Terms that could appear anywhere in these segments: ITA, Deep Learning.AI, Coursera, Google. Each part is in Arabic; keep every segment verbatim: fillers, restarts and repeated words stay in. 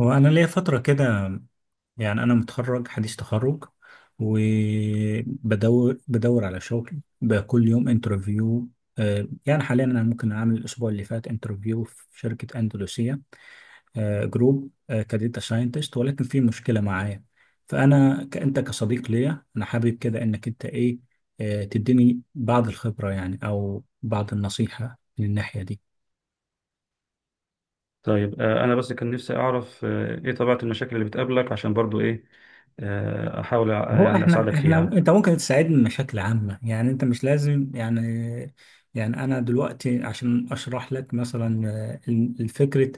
هو أنا ليا فترة كده. يعني أنا متخرج حديث تخرج، وبدور بدور على شغل بكل يوم انترفيو. آه، يعني حاليا أنا ممكن أعمل الأسبوع اللي فات انترفيو في شركة أندلسية آه، جروب، آه، كديتا ساينتست، ولكن في مشكلة معايا. فأنا ك- أنت كصديق ليا أنا حابب كده إنك أنت إيه آه، تديني بعض الخبرة، يعني أو بعض النصيحة من الناحية دي. طيب، آه، انا بس كان نفسي اعرف آه، ايه طبيعة المشاكل اللي بتقابلك عشان برضو ايه، آه، احاول أ- هو يعني احنا اساعدك احنا فيها. انت ممكن تساعدني بشكل عام، يعني انت مش لازم يعني. يعني انا دلوقتي عشان اشرح لك مثلا، آه، ال- الفكره،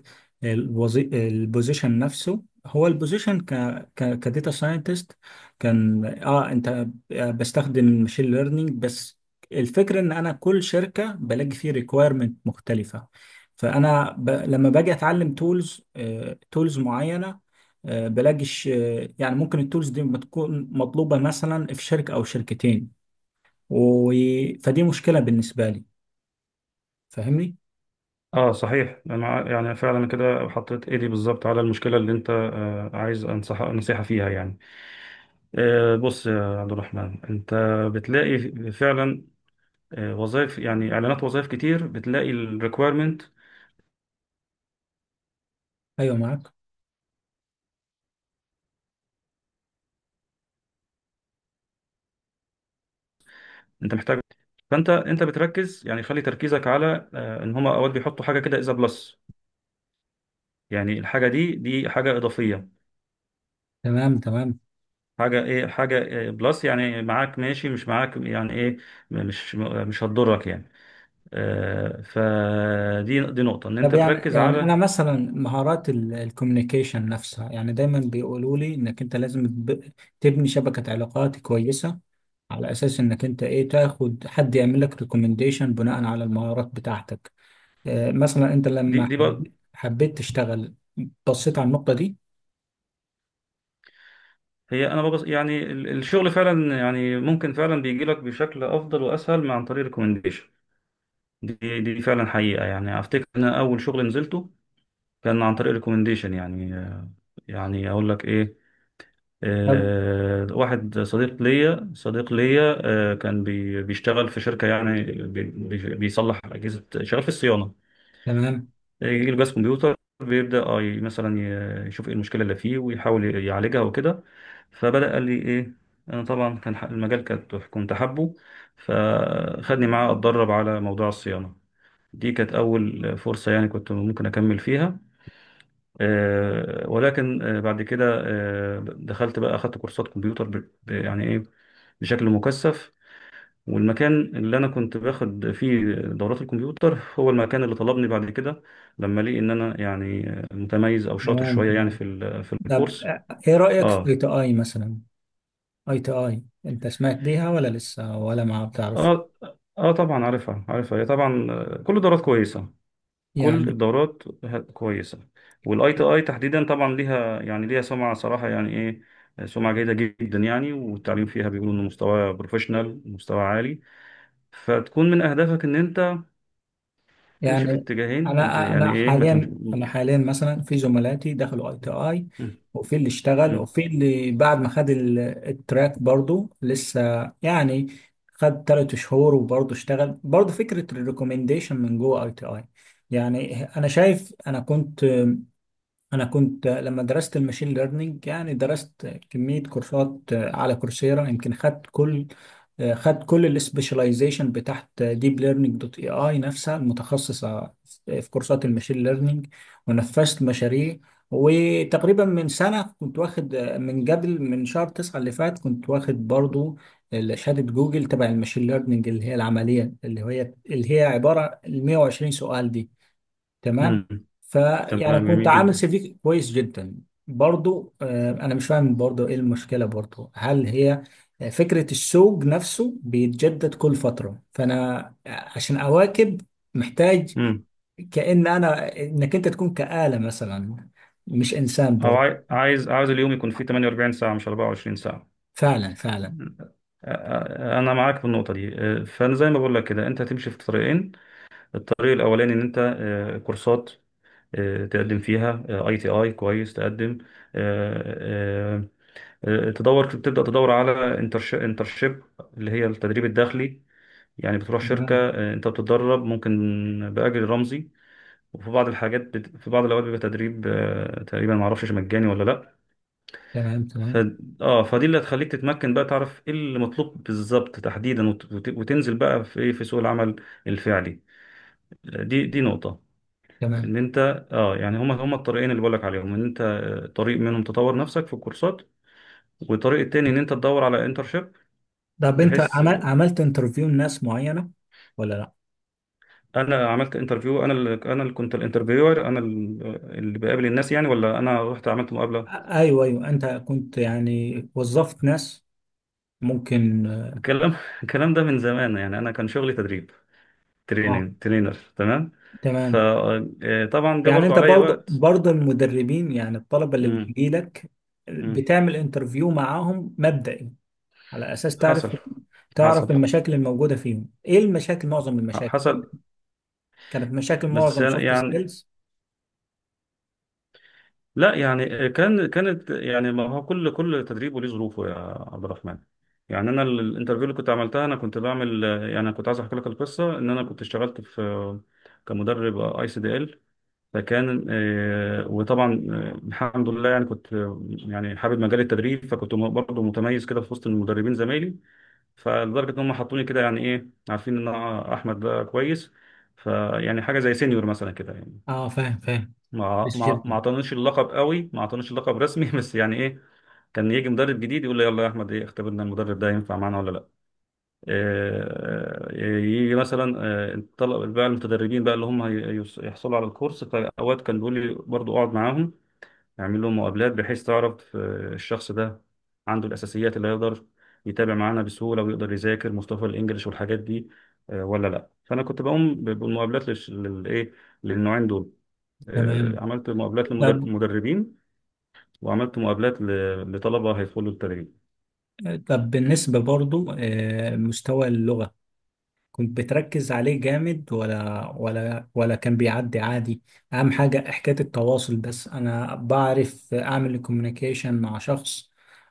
الوظي... البوزيشن نفسه، هو البوزيشن ك ك كداتا ساينتست، كان اه انت آه، بستخدم ماشين ليرنينج بس. الفكره ان انا كل شركه بلاقي فيه ريكويرمنت مختلفه، فانا ب... لما باجي اتعلم تولز تولز معينه، آه، بلاقيش آه، يعني ممكن التولز دي ما تكون مطلوبة مثلا في شركة أو شركتين و... فدي مشكلة بالنسبة لي. فاهمني؟ اه، صحيح، انا يعني فعلا كده حطيت ايدي بالظبط على المشكلة اللي انت آه، عايز انصح نصيحة فيها يعني. آه، بص يا عبد الرحمن، انت بتلاقي فعلا آه، وظائف، يعني اعلانات وظائف كتير، بتلاقي الريكويرمنت أيوه معاك. انت محتاج. فانت انت بتركز، يعني خلي تركيزك على آه، ان هما اوقات بيحطوا حاجة كده، اذا بلس، يعني الحاجة دي دي حاجة إضافية. تمام تمام. حاجة ايه؟ حاجة إيه بلس؟ يعني معاك ماشي، مش معاك يعني ايه؟ مش مش هتضرك يعني. آه، فدي دي نقطة ان طب انت يعني تركز يعني أنا على. مثلا مهارات الكوميونيكيشن نفسها، يعني دايما بيقولوا لي إنك أنت لازم تب- تبني شبكة علاقات كويسة، على أساس إنك أنت إيه تاخد حد يعمل لك ريكومنديشن بناء على المهارات بتاعتك. آه، مثلا أنت دي لما دي بقى. حب... حبيت تشتغل، بصيت على النقطة دي. هي انا ببص يعني ال- الشغل فعلا، يعني ممكن فعلا بيجي لك بشكل افضل واسهل من عن طريق ريكومنديشن. دي دي فعلا حقيقة. يعني افتكر ان أنا اول شغل نزلته كان عن طريق ريكومنديشن، يعني آه، يعني اقول لك ايه، طب. آه، واحد صديق ليا صديق ليا آه، كان بي- بيشتغل في شركة، يعني بي- بي- بيصلح أجهزة، شغال في الصيانة. تمام آه، يجي له جهاز كمبيوتر، بيبدأ آه، ي- مثلا ي- يشوف ايه المشكلة اللي فيه ويحاول يعالجها وكده. فبدأ قال لي ايه، انا طبعا كان ح- المجال كنت كنت حابه، فخدني معاه اتدرب على موضوع الصيانة. دي كانت أول فرصة، يعني كنت ممكن أكمل فيها. آه، ولكن آه، بعد كده آه، دخلت بقى، أخدت كورسات كمبيوتر ب- ب- يعني إيه، بشكل مكثف. والمكان اللي أنا كنت باخد فيه دورات الكمبيوتر هو المكان اللي طلبني بعد كده، لما لقي إن أنا يعني آه، متميز أو شاطر تمام شوية يعني تمام. في ال- في طب الكورس. ايه رأيك في اي آه تي اي مثلا؟ اي تي اي انت سمعت بيها ولا لسه ولا ما بتعرف؟ آه آه طبعا عارفها عارفها، هي طبعا، آه، كل الدورات كويسة، كل يعني الدورات ه- كويسة. والاي تي اي تحديدا طبعا ليها، يعني ليها سمعة صراحة يعني ايه، سمعة جيدة جدا، يعني والتعليم فيها بيقولوا انه مستوى بروفيشنال، مستوى عالي. فتكون من اهدافك ان انت تمشي في يعني اتجاهين، ما ت- انا يعني انا ايه، ما تمشي. حاليا انا حاليا مثلا في زملاتي دخلوا اي تي اي، مم. وفي اللي اشتغل، مم. وفي اللي بعد ما خد ال- التراك برضو لسه، يعني خد ثلاث شهور وبرضه اشتغل، برضه فكرة الريكومنديشن من جوه اي تي اي. يعني انا شايف، انا كنت انا كنت لما درست الماشين ليرنينج، يعني درست كمية كورسات على كورسيرا، يمكن خدت كل خدت كل السبيشاليزيشن بتاعت ديب ليرنينج دوت اي اي، نفسها المتخصصة في كورسات الماشين ليرنينج، ونفذت مشاريع. وتقريبا من سنة كنت واخد، من قبل من شهر تسعة اللي فات، كنت واخد برضو شهادة جوجل تبع الماشين ليرنينج، اللي هي العملية، اللي هي اللي هي عبارة ال مائة وعشرين سؤال دي. تمام. مم. فيعني تمام، كنت جميل عامل جدا. سي في كويس جدا. برضو آه، انا مش فاهم برضو ايه المشكله برضو؟ هل هي فكره السوق نفسه بيتجدد كل فتره، فانا عشان اواكب محتاج مم. كأن انا، انك انت تكون كآلة مثلا مش انسان او برضو؟ عاي- عايز عايز اليوم يكون فيه 48 ساعة مش 24 ساعة. فعلا فعلا. أ- أ- انا معاك في النقطة دي، أ، فانا زي ما بقول لك كده انت هتمشي في طريقين. الطريق الاولاني ان انت آه، كورسات آه، تقدم فيها اي تي اي كويس، تقدم آه، آه، آه، تدور، تبدا تدور على انترشيب، اللي هي التدريب الداخلي. يعني بتروح شركه، تمام آه، انت بتتدرب، ممكن باجر رمزي، وفي بعض الحاجات بت... في بعض الاوقات بيبقى تدريب آه، تقريبا ما اعرفش مجاني ولا لا. تمام ف... تمام اه، فدي اللي هتخليك تتمكن بقى تعرف ايه اللي مطلوب بالظبط تحديدا وت... وت- وتنزل بقى في ايه، في سوق العمل الفعلي. دي دي نقطة تمام. ان انت، اه يعني هما هما الطريقين اللي بقولك عليهم، ان انت آه، طريق منهم تطور نفسك في الكورسات، والطريق التاني ان انت تدور على انترشيب، طب انت بحيث، عمل عملت انترفيو لناس معينه ولا لا؟ انا عملت انترفيو، انا اللي انا اللي كنت الانترفيور، انا ال- آه، اللي بقابل الناس يعني، ولا انا رحت عملت مقابلة؟ ايوه ايوه، انت كنت يعني وظفت ناس ممكن آه، الكلام الكلام ده من زمان، يعني انا كان شغلي تدريب، اه؟ تريننج، ترينر، تمام. تمام. فطبعا ده يعني برضو انت عليا برضه وقت. برضه المدربين، يعني الطلبه اللي امم. بتجي لك، بتعمل انترفيو معاهم مبدئي، على اساس حصل، تعرف حصل، تعرف المشاكل الموجوده فيهم، ايه المشاكل؟ معظم المشاكل حصل. كانت مشاكل بس معظم أنا- سوفت يعني سكيلز. لا، يعني آه، كان كانت، يعني ما هو كل كل تدريب وليه ظروفه، يا عبد الرحمن. يعني انا ال- الانترفيو اللي كنت عملتها، انا كنت بعمل آه، يعني أنا كنت عايز احكي لك القصه، ان انا كنت اشتغلت في آه، كمدرب اي سي دي ال. فكان آه، وطبعا آه، الحمد لله، يعني كنت آه، يعني حابب مجال التدريب، فكنت م- برضه متميز كده في وسط المدربين زمايلي، فلدرجه ان هم حطوني كده يعني ايه، عارفين ان أنا احمد ده كويس، فيعني حاجه زي سينيور مثلا كده يعني. اه، فاهم فاهم. ما بس ما ما جدا. اعطانيش اللقب قوي، ما اعطانيش اللقب رسمي بس يعني ايه، كان يجي مدرب جديد يقول لي يلا يا احمد ايه، اختبرنا المدرب ده ينفع معانا ولا لا. آه، آه، يجي مثلا آه، طلب بقى المتدربين بقى اللي هم هي- يص- يحصلوا على الكورس، فاوقات كان بيقول لي برضو اقعد معاهم نعمل له مقابلات، بحيث تعرف آه، الشخص ده عنده الأساسيات اللي يقدر يتابع معانا بسهولة، ويقدر يذاكر مصطلح الإنجليش والحاجات دي آه، ولا لأ. فأنا كنت بقوم ب- بالمقابلات للش- للإيه، للنوعين دول. آه، تمام. عملت مقابلات طب للمدربين، وعملت مقابلات ل- لطلبة هيدخلوا التدريب. طب بالنسبه برضه آه، مستوى اللغه كنت بتركز عليه جامد، ولا ولا ولا كان بيعدي عادي؟ اهم حاجة حكاية التواصل بس، انا بعرف اعمل الكوميونيكيشن مع شخص،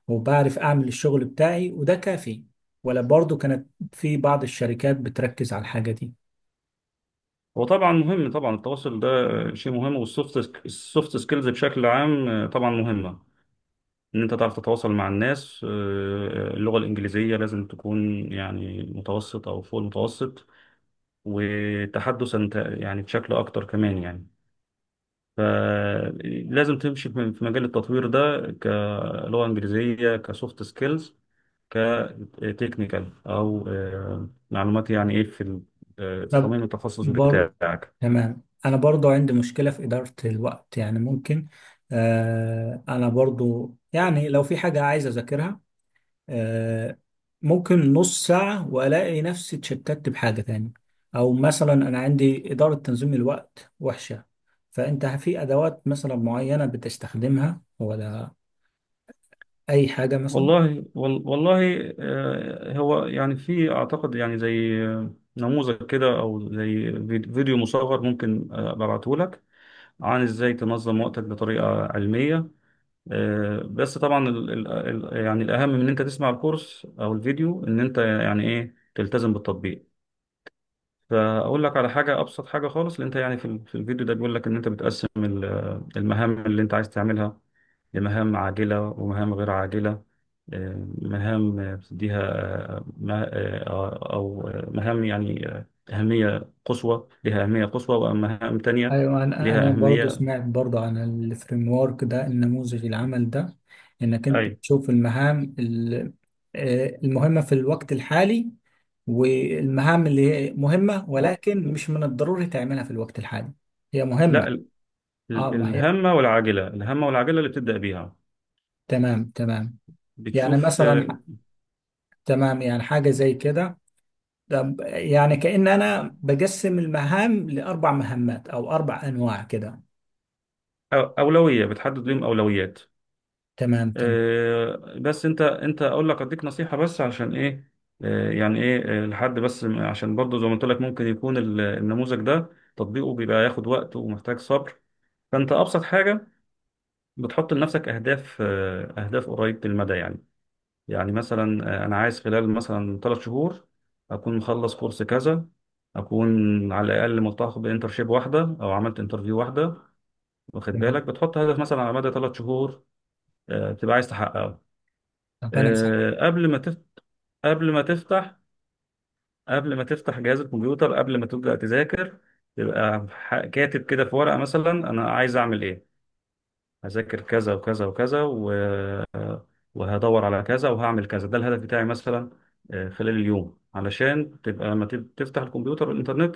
وبعرف اعمل الشغل بتاعي، وده كافي؟ ولا برضو كانت في بعض الشركات بتركز على الحاجة دي؟ هو طبعا مهم طبعا التواصل ده، آه، شيء مهم. والسوفت، السوفت سكيلز بشكل عام آه، طبعا مهمة، ان انت تعرف تتواصل مع الناس. آه، اللغة الإنجليزية لازم تكون يعني متوسط او فوق المتوسط، وتحدثا ت- يعني بشكل اكتر كمان يعني. فلازم تمشي في في مجال التطوير ده، كلغة إنجليزية، كسوفت سكيلز، كتكنيكال، او آه، معلومات يعني ايه في ال- آه، في طب تصميم التخصص برضو، بتاعك. تمام، انا برضو عندي مشكلة في إدارة الوقت، يعني ممكن، آه انا برضو يعني لو في حاجة عايز اذاكرها، آه، ممكن نص ساعة وألاقي نفسي اتشتت بحاجة تاني، أو مثلا أنا عندي إدارة تنظيم الوقت وحشة. فأنت في أدوات مثلا معينة بتستخدمها، ولا أي حاجة مثلا؟ والله وال- والله آه، هو يعني في اعتقد يعني زي آه، نموذج كده، او زي فيد- فيديو مصغر ممكن آه، ابعته لك، عن ازاي تنظم وقتك بطريقة علمية. آه، بس طبعا ال ال ال- يعني الاهم من ان انت تسمع الكورس او الفيديو، ان انت يعني ايه تلتزم بالتطبيق. فاقول لك على حاجة، ابسط حاجة خالص اللي انت يعني في ال- في الفيديو ده بيقول لك، ان انت بتقسم ال- المهام اللي انت عايز تعملها لمهام عاجلة ومهام غير عاجلة. آه، مهام آه، بتديها آه، ما- آه، آه، أو آه، مهام يعني آه، أهمية قصوى، لها أهمية قصوى، ومهام تانية أيوة، أنا لها أنا برضه أهمية. سمعت برضه عن الفريم ورك ده، النموذج العمل ده، إنك أنت أي. تشوف المهام، ال- آه، المهمة في الوقت الحالي، والمهام اللي هي مهمة و... ولكن مش من الضروري تعملها في الوقت الحالي، هي لا، مهمة. ال- اه ال- ما هي. الهامة والعاجلة، الهامة والعاجلة اللي بتبدأ بيها، تمام تمام. يعني بتشوف مثلا آه، ح- تمام، يعني حاجة زي كده. طب يعني كأن أنا بقسم المهام لأربع مهمات أو أربع أنواع كده. أو- أولوية، بتحدد لهم أولويات. تمام تمام آه، بس انت انت اقول لك، اديك نصيحة بس عشان ايه، آه، يعني ايه آه، لحد بس م- عشان برضه زي ما قلت لك، ممكن يكون ال- النموذج ده تطبيقه بيبقى ياخد وقت ومحتاج صبر. فانت ابسط حاجة بتحط لنفسك اهداف، آه، اهداف قريبة المدى يعني، يعني مثلا آه، انا عايز خلال مثلا ثلاث شهور اكون مخلص كورس كذا، اكون على الاقل ملتحق بانترشيب واحده، او عملت انترفيو واحده. واخد بالك تمام. بتحط هدف مثلا على مدى ثلاث شهور آه، بتبقى عايز تحققه. طب أنا سعيد. آه، قبل ما تفتح قبل ما تفتح قبل ما تفتح جهاز الكمبيوتر، قبل ما تبدأ تذاكر، تبقى ح- كاتب كده في ورقة مثلا أنا عايز أعمل إيه، هذاكر كذا وكذا وكذا و- وهدور على كذا وهعمل كذا، ده الهدف بتاعي مثلا آه، خلال اليوم، علشان تبقى لما تب- تفتح الكمبيوتر والإنترنت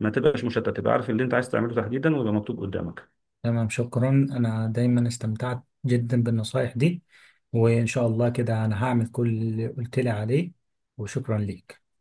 ما تبقاش مشتت، تبقى عارف اللي أنت عايز تعمله تحديدا ويبقى مكتوب قدامك. تمام، شكرا، أنا دايما استمتعت جدا بالنصايح دي، وإن شاء الله كده أنا هعمل كل اللي قلت لي عليه، وشكرا ليك.